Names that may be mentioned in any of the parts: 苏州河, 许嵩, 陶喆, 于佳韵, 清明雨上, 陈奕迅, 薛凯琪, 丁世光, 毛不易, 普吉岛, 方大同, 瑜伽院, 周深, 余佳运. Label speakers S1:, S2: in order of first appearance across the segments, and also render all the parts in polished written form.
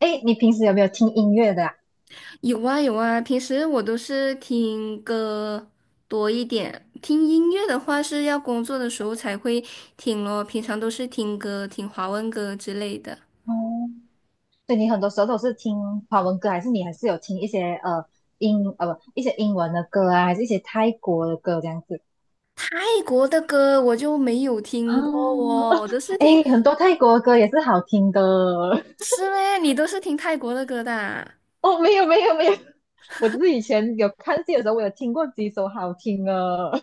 S1: 哎，你平时有没有听音乐的啊？
S2: 有啊有啊，平时我都是听歌多一点，听音乐的话是要工作的时候才会听咯，平常都是听歌，听华文歌之类的。
S1: 哦，所以你很多时候都是听华文歌，还是你还是有听一些呃英呃不一些英文的歌啊，还是一些泰国的歌这样子
S2: 泰国的歌我就没有
S1: 啊？
S2: 听过。哦，我都 是听，
S1: 哎，很多泰国的歌也是好听的
S2: 是嘞，你都是听泰国的歌的啊？
S1: 哦。没有没有没有，我只是以前有看戏的时候，我有听过几首好听的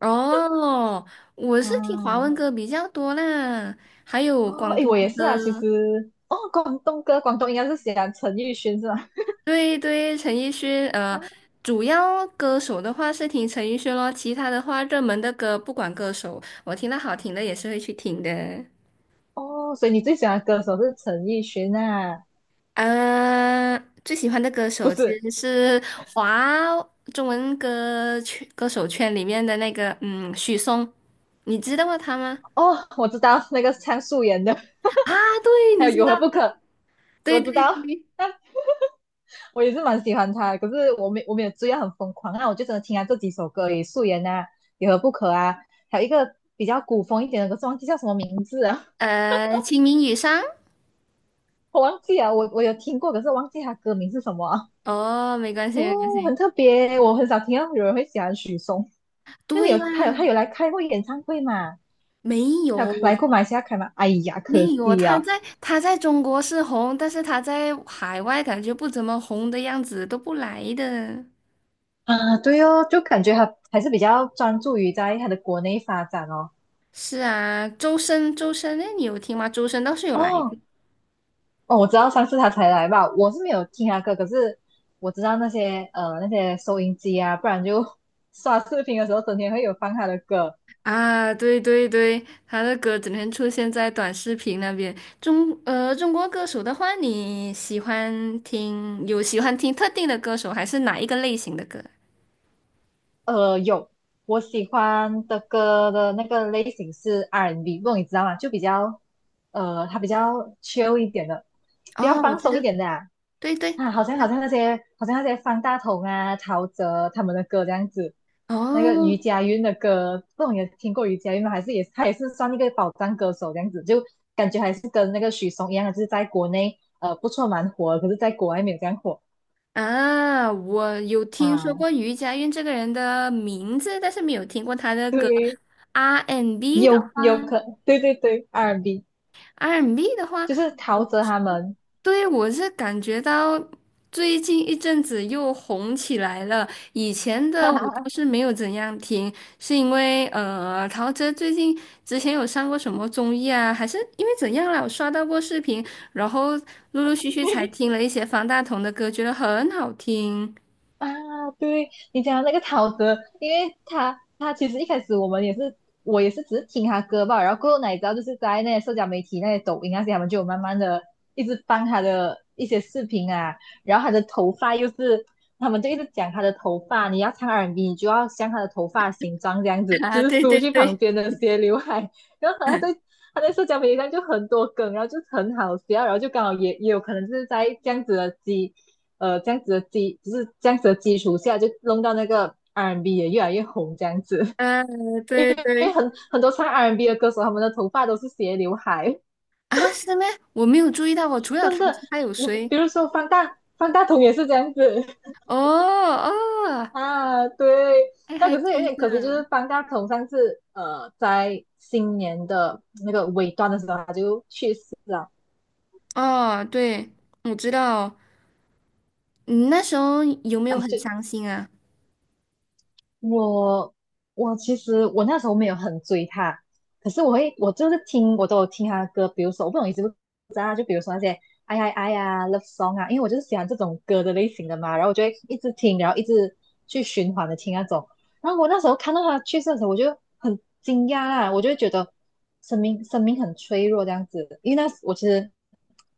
S2: 哦，我 是听华文
S1: 啊。
S2: 歌比较多啦，还有
S1: 哦，
S2: 广
S1: 哎，
S2: 东
S1: 我也是啊，其
S2: 歌。
S1: 实哦，广东歌，广东应该是喜欢陈奕迅是吧？
S2: 对对，陈奕迅，主要歌手的话是听陈奕迅咯，其他的话热门的歌不管歌手，我听到好听的也是会去听的。
S1: 哦，所以你最喜欢的歌手是陈奕迅啊？
S2: 呃，最喜欢的歌
S1: 不
S2: 手其
S1: 是？
S2: 实是华中文歌曲歌手圈里面的那个，嗯，许嵩，你知道他吗？
S1: 哦，我知道那个唱素颜的，
S2: 啊，对，
S1: 还
S2: 你
S1: 有
S2: 知
S1: 有
S2: 道，
S1: 何不可，我
S2: 对
S1: 知
S2: 对
S1: 道。
S2: 对，
S1: 但我也是蛮喜欢他的，可是我没有追到很疯狂，那我就只能听他这几首歌而已，素颜啊，有何不可啊，还有一个比较古风一点的，可是忘记叫什么名字啊。
S2: 清明雨上，
S1: 我忘记了，我有听过，可是忘记他歌名是什么啊。
S2: 哦，没关系没关
S1: 哦，很
S2: 系，
S1: 特别，我很少听到有人会喜欢许嵩。那你
S2: 对
S1: 有
S2: 啦，
S1: 他有他有来开过演唱会嘛？
S2: 没
S1: 他有
S2: 有，
S1: 来过马来西亚开吗？哎呀，
S2: 没
S1: 可
S2: 有啊，
S1: 惜
S2: 他
S1: 啊！
S2: 在他在中国是红，但是他在海外感觉不怎么红的样子，都不来的。
S1: 啊，对哦，就感觉他还是比较专注于在他的国内发展哦。
S2: 是啊，周深，周深，那你有听吗？周深倒是有来
S1: 哦
S2: 的。
S1: 哦，我知道上次他才来吧，我是没有听他歌，可是我知道那些收音机啊，不然就 刷视频的时候整天会有放他的歌。
S2: 啊，对对对，他的歌整天出现在短视频那边。中国歌手的话，你喜欢听有喜欢听特定的歌手，还是哪一个类型的歌？
S1: 有，我喜欢的歌的那个类型是 R&B,不，你知道吗？就比较，它比较 chill 一点的，比较
S2: 哦，我
S1: 放
S2: 知
S1: 松
S2: 道，
S1: 一点的啊。
S2: 对对，
S1: 啊
S2: 我
S1: 好
S2: 知
S1: 像好像
S2: 道。
S1: 那些好像那些方大同啊、陶喆他们的歌这样子，那个
S2: 哦，
S1: 余佳运的歌，不懂你有听过余佳运吗？还是他也是算一个宝藏歌手这样子，就感觉还是跟那个许嵩一样，的，就是在国内不错蛮火的，可是在国外没有这样火
S2: 啊，我有听说
S1: 啊。
S2: 过于佳韵这个人的名字，但是没有听过他的歌。
S1: 对，
S2: R&B and B 的
S1: 有有
S2: 话
S1: 可，对对对，R&B。
S2: ，R&B and B 的话，
S1: 就是陶
S2: 我
S1: 喆他们
S2: 对，我是感觉到最近一阵子又红起来了。以前的我倒 是没有怎样听，是因为陶喆最近之前有上过什么综艺啊，还是因为怎样了？我刷到过视频，然后陆陆续续才听了一些方大同的歌，觉得很好听。
S1: 啊，对你讲的那个陶喆，因为他其实一开始我也是只是听他歌吧，然后过后哪知道就是在那些社交媒体、那些抖音那些，他们就有慢慢的一直放他的一些视频啊。然后他的头发又是，他们就一直讲他的头发，你要唱 R&B 你就要像他的头发形状这样 子，就
S2: 啊，
S1: 是
S2: 对
S1: 梳
S2: 对
S1: 去旁
S2: 对。
S1: 边的斜刘海，然后他在社交媒体上就很多梗，然后就很好笑，然后就刚好也有可能是在这样子的基础下，就弄到那个 R&B 也越来越红这样子。
S2: 嗯，
S1: 因
S2: 对
S1: 为
S2: 对。
S1: 很多唱 R&B 的歌手，他们的头发都是斜刘海，
S2: 啊，是吗？我没有注意到哦，我除了
S1: 真
S2: 桃
S1: 的。
S2: 子还有
S1: 那
S2: 谁？
S1: 比如说方大同也是这样子
S2: 哦哦，
S1: 啊，对。
S2: 哎，
S1: 那
S2: 还
S1: 可是有
S2: 真
S1: 点可惜，就是
S2: 的。
S1: 方大同上次在新年的那个尾端的时候他就去世了。
S2: 哦，对，我知道哦。你那时候有没有
S1: 哎，
S2: 很
S1: 就
S2: 伤心啊？
S1: 我我其实那时候没有很追他，可是我会我就是听我都有听他的歌，比如说我不懂你知不就比如说那些哎呀哎啊 love song 啊，因为我就是喜欢这种歌的类型的嘛，然后我就会一直听，然后一直去循环的听那种。然后我那时候看到他去世的时候，我就很惊讶啦，我就会觉得生命很脆弱这样子，因为那时我其实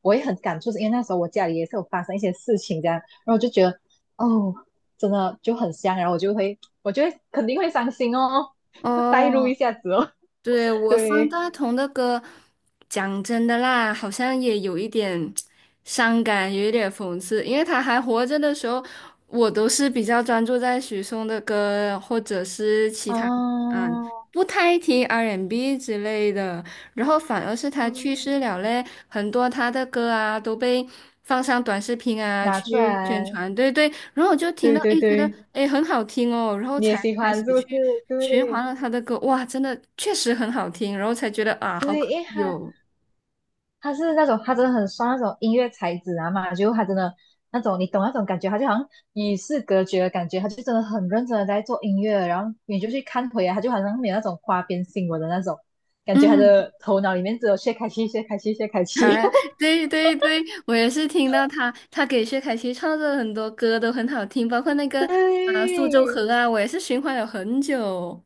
S1: 我也很感触，是因为那时候我家里也是有发生一些事情这样，然后我就觉得哦，真的就很香，然后我就会肯定会伤心哦，代入
S2: 哦，
S1: 一下子哦，
S2: 对，我方
S1: 对
S2: 大同的歌，讲真的啦，好像也有一点伤感，有一点讽刺，因为他还活着的时候，我都是比较专注在许嵩的歌，或者是其他，
S1: 啊。
S2: 嗯，不太听 R&B N 之类的。然后反而是他去世
S1: 嗯，
S2: 了嘞，很多他的歌啊都被放上短视频啊
S1: 拿出
S2: 去宣
S1: 来，
S2: 传，对对，然后我就听
S1: 对
S2: 到，
S1: 对
S2: 诶，觉得
S1: 对，
S2: 诶很好听哦，然后
S1: 你也
S2: 才
S1: 喜
S2: 开始
S1: 欢是不是？
S2: 去循
S1: 对
S2: 环了他的歌，哇，真的确实很好听，然后才觉得啊，好
S1: 对，因为
S2: 有，
S1: 他是那种他真的很刷那种音乐才子啊嘛，就他真的那种你懂那种感觉，他就好像与世隔绝的感觉，他就真的很认真的在做音乐，然后你就去看回来，他就好像没有那种花边新闻的那种感觉，他
S2: 嗯，
S1: 的头脑里面只有薛凯琪、薛凯琪、薛凯 琪。
S2: 啊，对对对，我也是听到他，他给薛凯琪创作的很多歌都很好听，包括那个啊
S1: 对
S2: 《苏州河》啊，我也是循环了很久。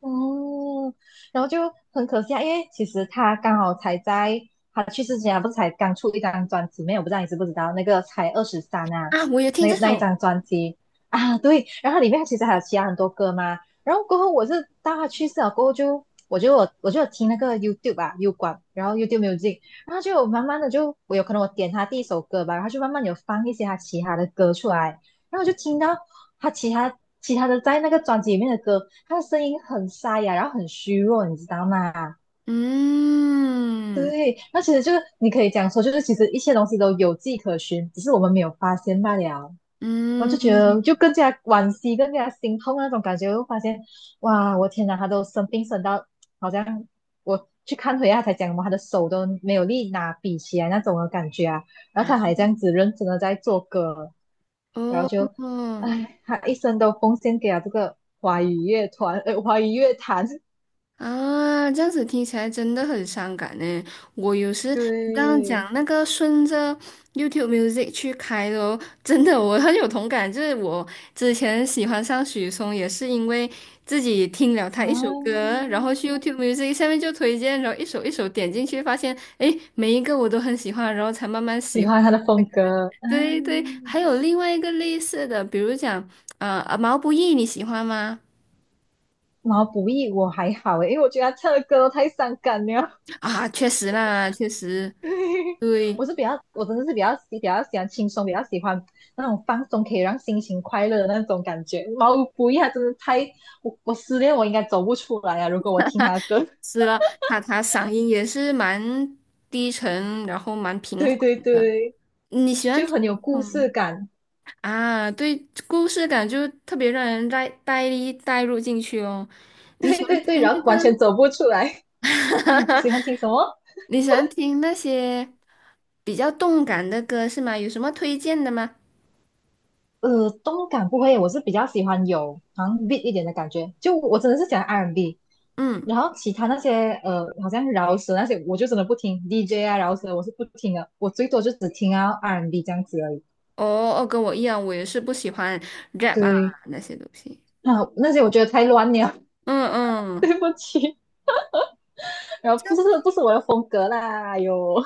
S1: 哦，然后就很可惜啊，因为其实他刚好才在他去世之前啊，他不是才刚出一张专辑没有？我不知道你知不知道，那个才23啊，
S2: 啊，我也听这
S1: 那一
S2: 首，
S1: 张专辑啊，对，然后里面其实还有其他很多歌嘛。然后过后我是到他去世了过后就，我就有听那个 YouTube 吧、u 管，然后 YouTube Music,然后就有慢慢的就我有可能我点他第一首歌吧，然后就慢慢有放一些他其他的歌出来，然后我就听到他其他的在那个专辑里面的歌，他的声音很沙哑，然后很虚弱，你知道吗？
S2: 嗯
S1: 对，那其实就是你可以讲说，就是其实一些东西都有迹可循，只是我们没有发现罢了。然后就觉
S2: 嗯，
S1: 得就更加惋惜，更加心痛啊那种感觉。我发现，哇，我天哪，他都生病生到好像我去看回他才讲嘛，他的手都没有力拿笔起来那种的感觉啊。然后他
S2: 啊
S1: 还这样子认真的在做歌，然后就，
S2: 哦。
S1: 唉，他一生都奉献给了这个华语乐坛。
S2: 啊，这样子听起来真的很伤感呢。我有时你刚刚
S1: 对，
S2: 讲那个顺着 YouTube Music 去开的哦，真的我很有同感。就是我之前喜欢上许嵩，也是因为自己听了他一首
S1: 啊。
S2: 歌，然后去 YouTube Music 下面就推荐，然后一首一首点进去，发现诶，每一个我都很喜欢，然后才慢慢喜
S1: 喜
S2: 欢。
S1: 欢他的风格。
S2: 对对，
S1: 嗯。
S2: 还有另外一个类似的，比如讲毛不易你喜欢吗？
S1: 毛不易我还好诶，因为我觉得他唱的歌都太伤感了。
S2: 啊，确实啦，确实 对。
S1: 我是比较，我真的是比较比较喜欢轻松，比较喜欢那种放松，可以让心情快乐的那种感觉。毛不易他真的太，我失恋我应该走不出来啊！如果我听他的歌，
S2: 是了，他他嗓音也是蛮低沉，然后蛮 平
S1: 对
S2: 缓
S1: 对
S2: 的。
S1: 对，
S2: 你喜欢
S1: 就
S2: 听。
S1: 很有故事
S2: 嗯？
S1: 感，
S2: 啊？对，故事感就特别让人带入进去哦。你喜
S1: 对
S2: 欢
S1: 对对，
S2: 听
S1: 然
S2: 那
S1: 后完全
S2: 个？
S1: 走不出来。啊，喜欢听什么？
S2: 你喜欢听那些比较动感的歌是吗？有什么推荐的吗？
S1: 动感不会，我是比较喜欢有好像 beat 一点的感觉，就我真的是喜欢 R&B,
S2: 嗯，
S1: 然后其他那些好像饶舌那些，我就真的不听 DJ 啊，饶舌我是不听的，我最多就只听啊 R&B 这样子而已。
S2: 哦哦，跟我一样，我也是不喜欢 rap 啊
S1: 对，
S2: 那些东西。
S1: 啊，那些我觉得太乱了，
S2: 嗯 嗯。
S1: 对不起，然后不是不是我的风格啦。有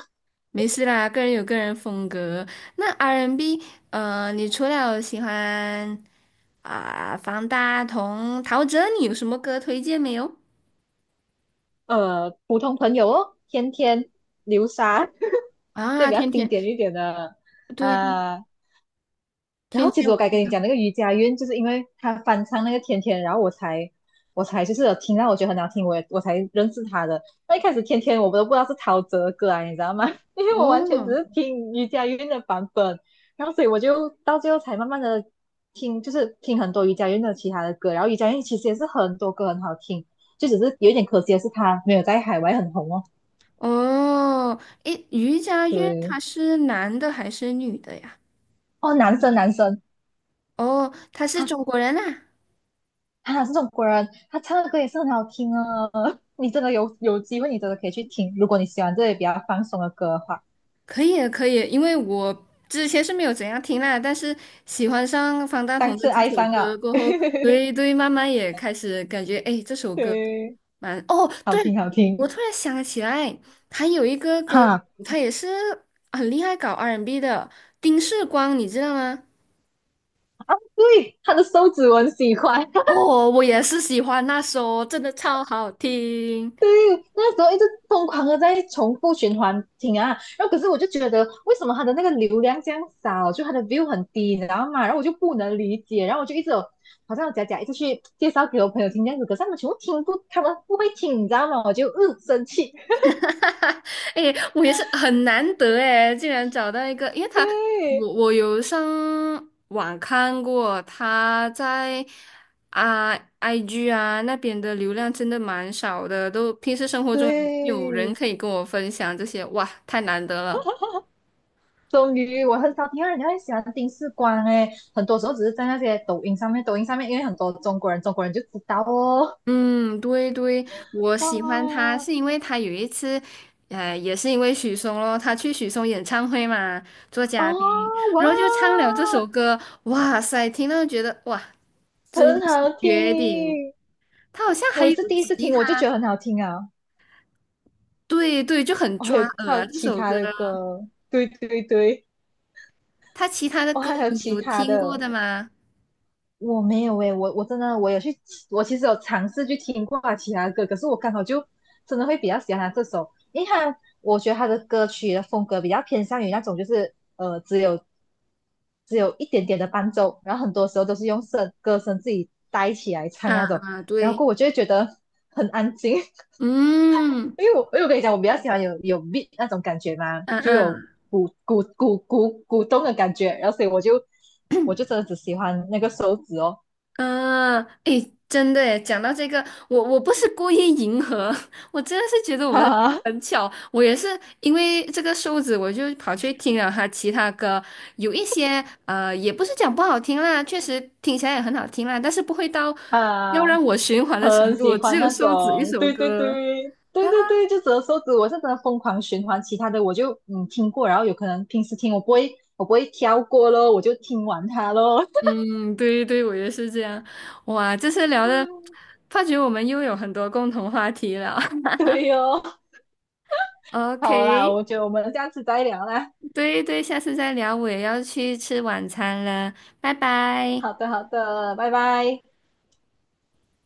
S2: 没事啦，个人有个人风格。那 R&B，n 你除了有喜欢啊、方大同、陶喆，你有什么歌推荐没有？
S1: 普通朋友哦，天天，流沙，对，
S2: 啊，
S1: 比较
S2: 天
S1: 经
S2: 天，
S1: 典一点的
S2: 对对，
S1: 啊。然
S2: 天
S1: 后其
S2: 天
S1: 实我
S2: 我
S1: 该
S2: 知
S1: 跟你
S2: 道。
S1: 讲那个瑜伽院，就是因为他翻唱那个天天，然后我才就是有听到我觉得很好听，我才认识他的。那一开始天天我都不知道是陶喆的歌啊，你知道吗？因为我完全只
S2: 哦
S1: 是听瑜伽院的版本，然后所以我就到最后才慢慢的听，就是听很多瑜伽院的其他的歌，然后瑜伽院其实也是很多歌很好听，就只是有一点可惜的是他没有在海外很红哦。
S2: 哦，诶，于佳韵他
S1: 对，
S2: 是男的还是女的呀？
S1: 哦，男生男生，
S2: 哦，他是
S1: 他
S2: 中国人啊。
S1: 他这种果然他唱的歌也是很好听啊。你真的有机会，你真的可以去听。如果你喜欢这些比较放松的歌的话，
S2: 可以啊可以啊，因为我之前是没有怎样听啦，但是喜欢上方大
S1: 上
S2: 同的
S1: 次
S2: 几
S1: 爱
S2: 首
S1: 上
S2: 歌
S1: 啊，
S2: 过后，对 对，慢慢也开始感觉，哎，这首歌
S1: 对，
S2: 蛮……哦，
S1: 好
S2: 对，
S1: 听好
S2: 我
S1: 听
S2: 突然想起来，还有一个歌，
S1: 哈。
S2: 他也是很厉害搞 R&B and B 的，丁世光，你知道吗？
S1: 对，他的手指我很喜欢，
S2: 哦，我也是喜欢那首，真的超好听。
S1: 对，那时候一直疯狂的在重复循环听啊，然后可是我就觉得为什么他的那个流量这样少，就他的 view 很低，你知道吗？然后我就不能理解，然后我就一直有好像有假假一直去介绍给我朋友听这样子，可是他们全部听不，他们不会听，你知道吗？我就嗯生气。
S2: 哎，我也是很难得哎，竟然找到一个，因为他，
S1: 对
S2: 我有上网看过，他在啊 IG 啊那边的流量真的蛮少的，都平时生活中有人
S1: 对，
S2: 可以跟我分享这些，哇，太难得了。
S1: 终于我很少听到人家会喜欢丁世光诶，很多时候只是在那些抖音上面，抖音上面因为很多中国人，中国人就知道哦，
S2: 嗯，对对，我喜欢
S1: 哇
S2: 他是因为他有一次，也是因为许嵩咯，他去许嵩演唱会嘛，做
S1: 哦
S2: 嘉宾，
S1: 哇。
S2: 然后就唱了这首歌，哇塞，听到觉得哇。真的
S1: 很
S2: 是
S1: 好
S2: 绝顶。
S1: 听。
S2: 他好像还
S1: 我也
S2: 有
S1: 是第一次
S2: 其
S1: 听，我就
S2: 他，
S1: 觉得很好听啊。
S2: 对对，就很
S1: 哦，还
S2: 抓
S1: 有
S2: 耳
S1: 还有
S2: 啊这
S1: 其
S2: 首歌，
S1: 他的歌，对对对，
S2: 他其他的
S1: 我
S2: 歌
S1: 还有
S2: 你
S1: 其
S2: 有
S1: 他
S2: 听过
S1: 的，
S2: 的吗？
S1: 我没有诶，我真的有去，我其实有尝试去听过他其他的歌，可是我刚好就真的会比较喜欢他这首，因为他我觉得他的歌曲的风格比较偏向于那种就是只有一点点的伴奏，然后很多时候都是用歌声自己带起来唱
S2: 啊
S1: 那种，
S2: 啊，
S1: 然后
S2: 对，
S1: 过后我就会觉得很安静，
S2: 嗯
S1: 因为我跟你讲，我比较喜欢有 beat 那种感觉嘛，
S2: 嗯
S1: 就有
S2: 嗯，
S1: 鼓鼓鼓鼓鼓动的感觉，然后所以我就真的只喜欢那个手指哦，
S2: 嗯，诶，真的诶，讲到这个，我不是故意迎合，我真的是觉得 我们俩
S1: 哈哈
S2: 很巧。我也是因为这个瘦子，我就跑去听了他其他歌，有一些也不是讲不好听啦，确实听起来也很好听啦，但是不会到要
S1: 啊，
S2: 让我循环的程
S1: 很喜
S2: 度，只
S1: 欢
S2: 有
S1: 那
S2: 瘦子一
S1: 种，
S2: 首
S1: 对对
S2: 歌。
S1: 对对对对，就只有手指，我是真的疯狂循环，其他的我就听过，然后有可能平时听我不会挑过咯，我就听完它咯，
S2: 嗯，对对，我也是这样。哇，这次聊的，
S1: 嗯，
S2: 发觉我们又有很多共同话题了。
S1: 对哦，好啦，
S2: OK。
S1: 我觉得我们这样子再聊啦，
S2: 对对，下次再聊，我也要去吃晚餐了，拜拜。
S1: 好的好的，拜拜。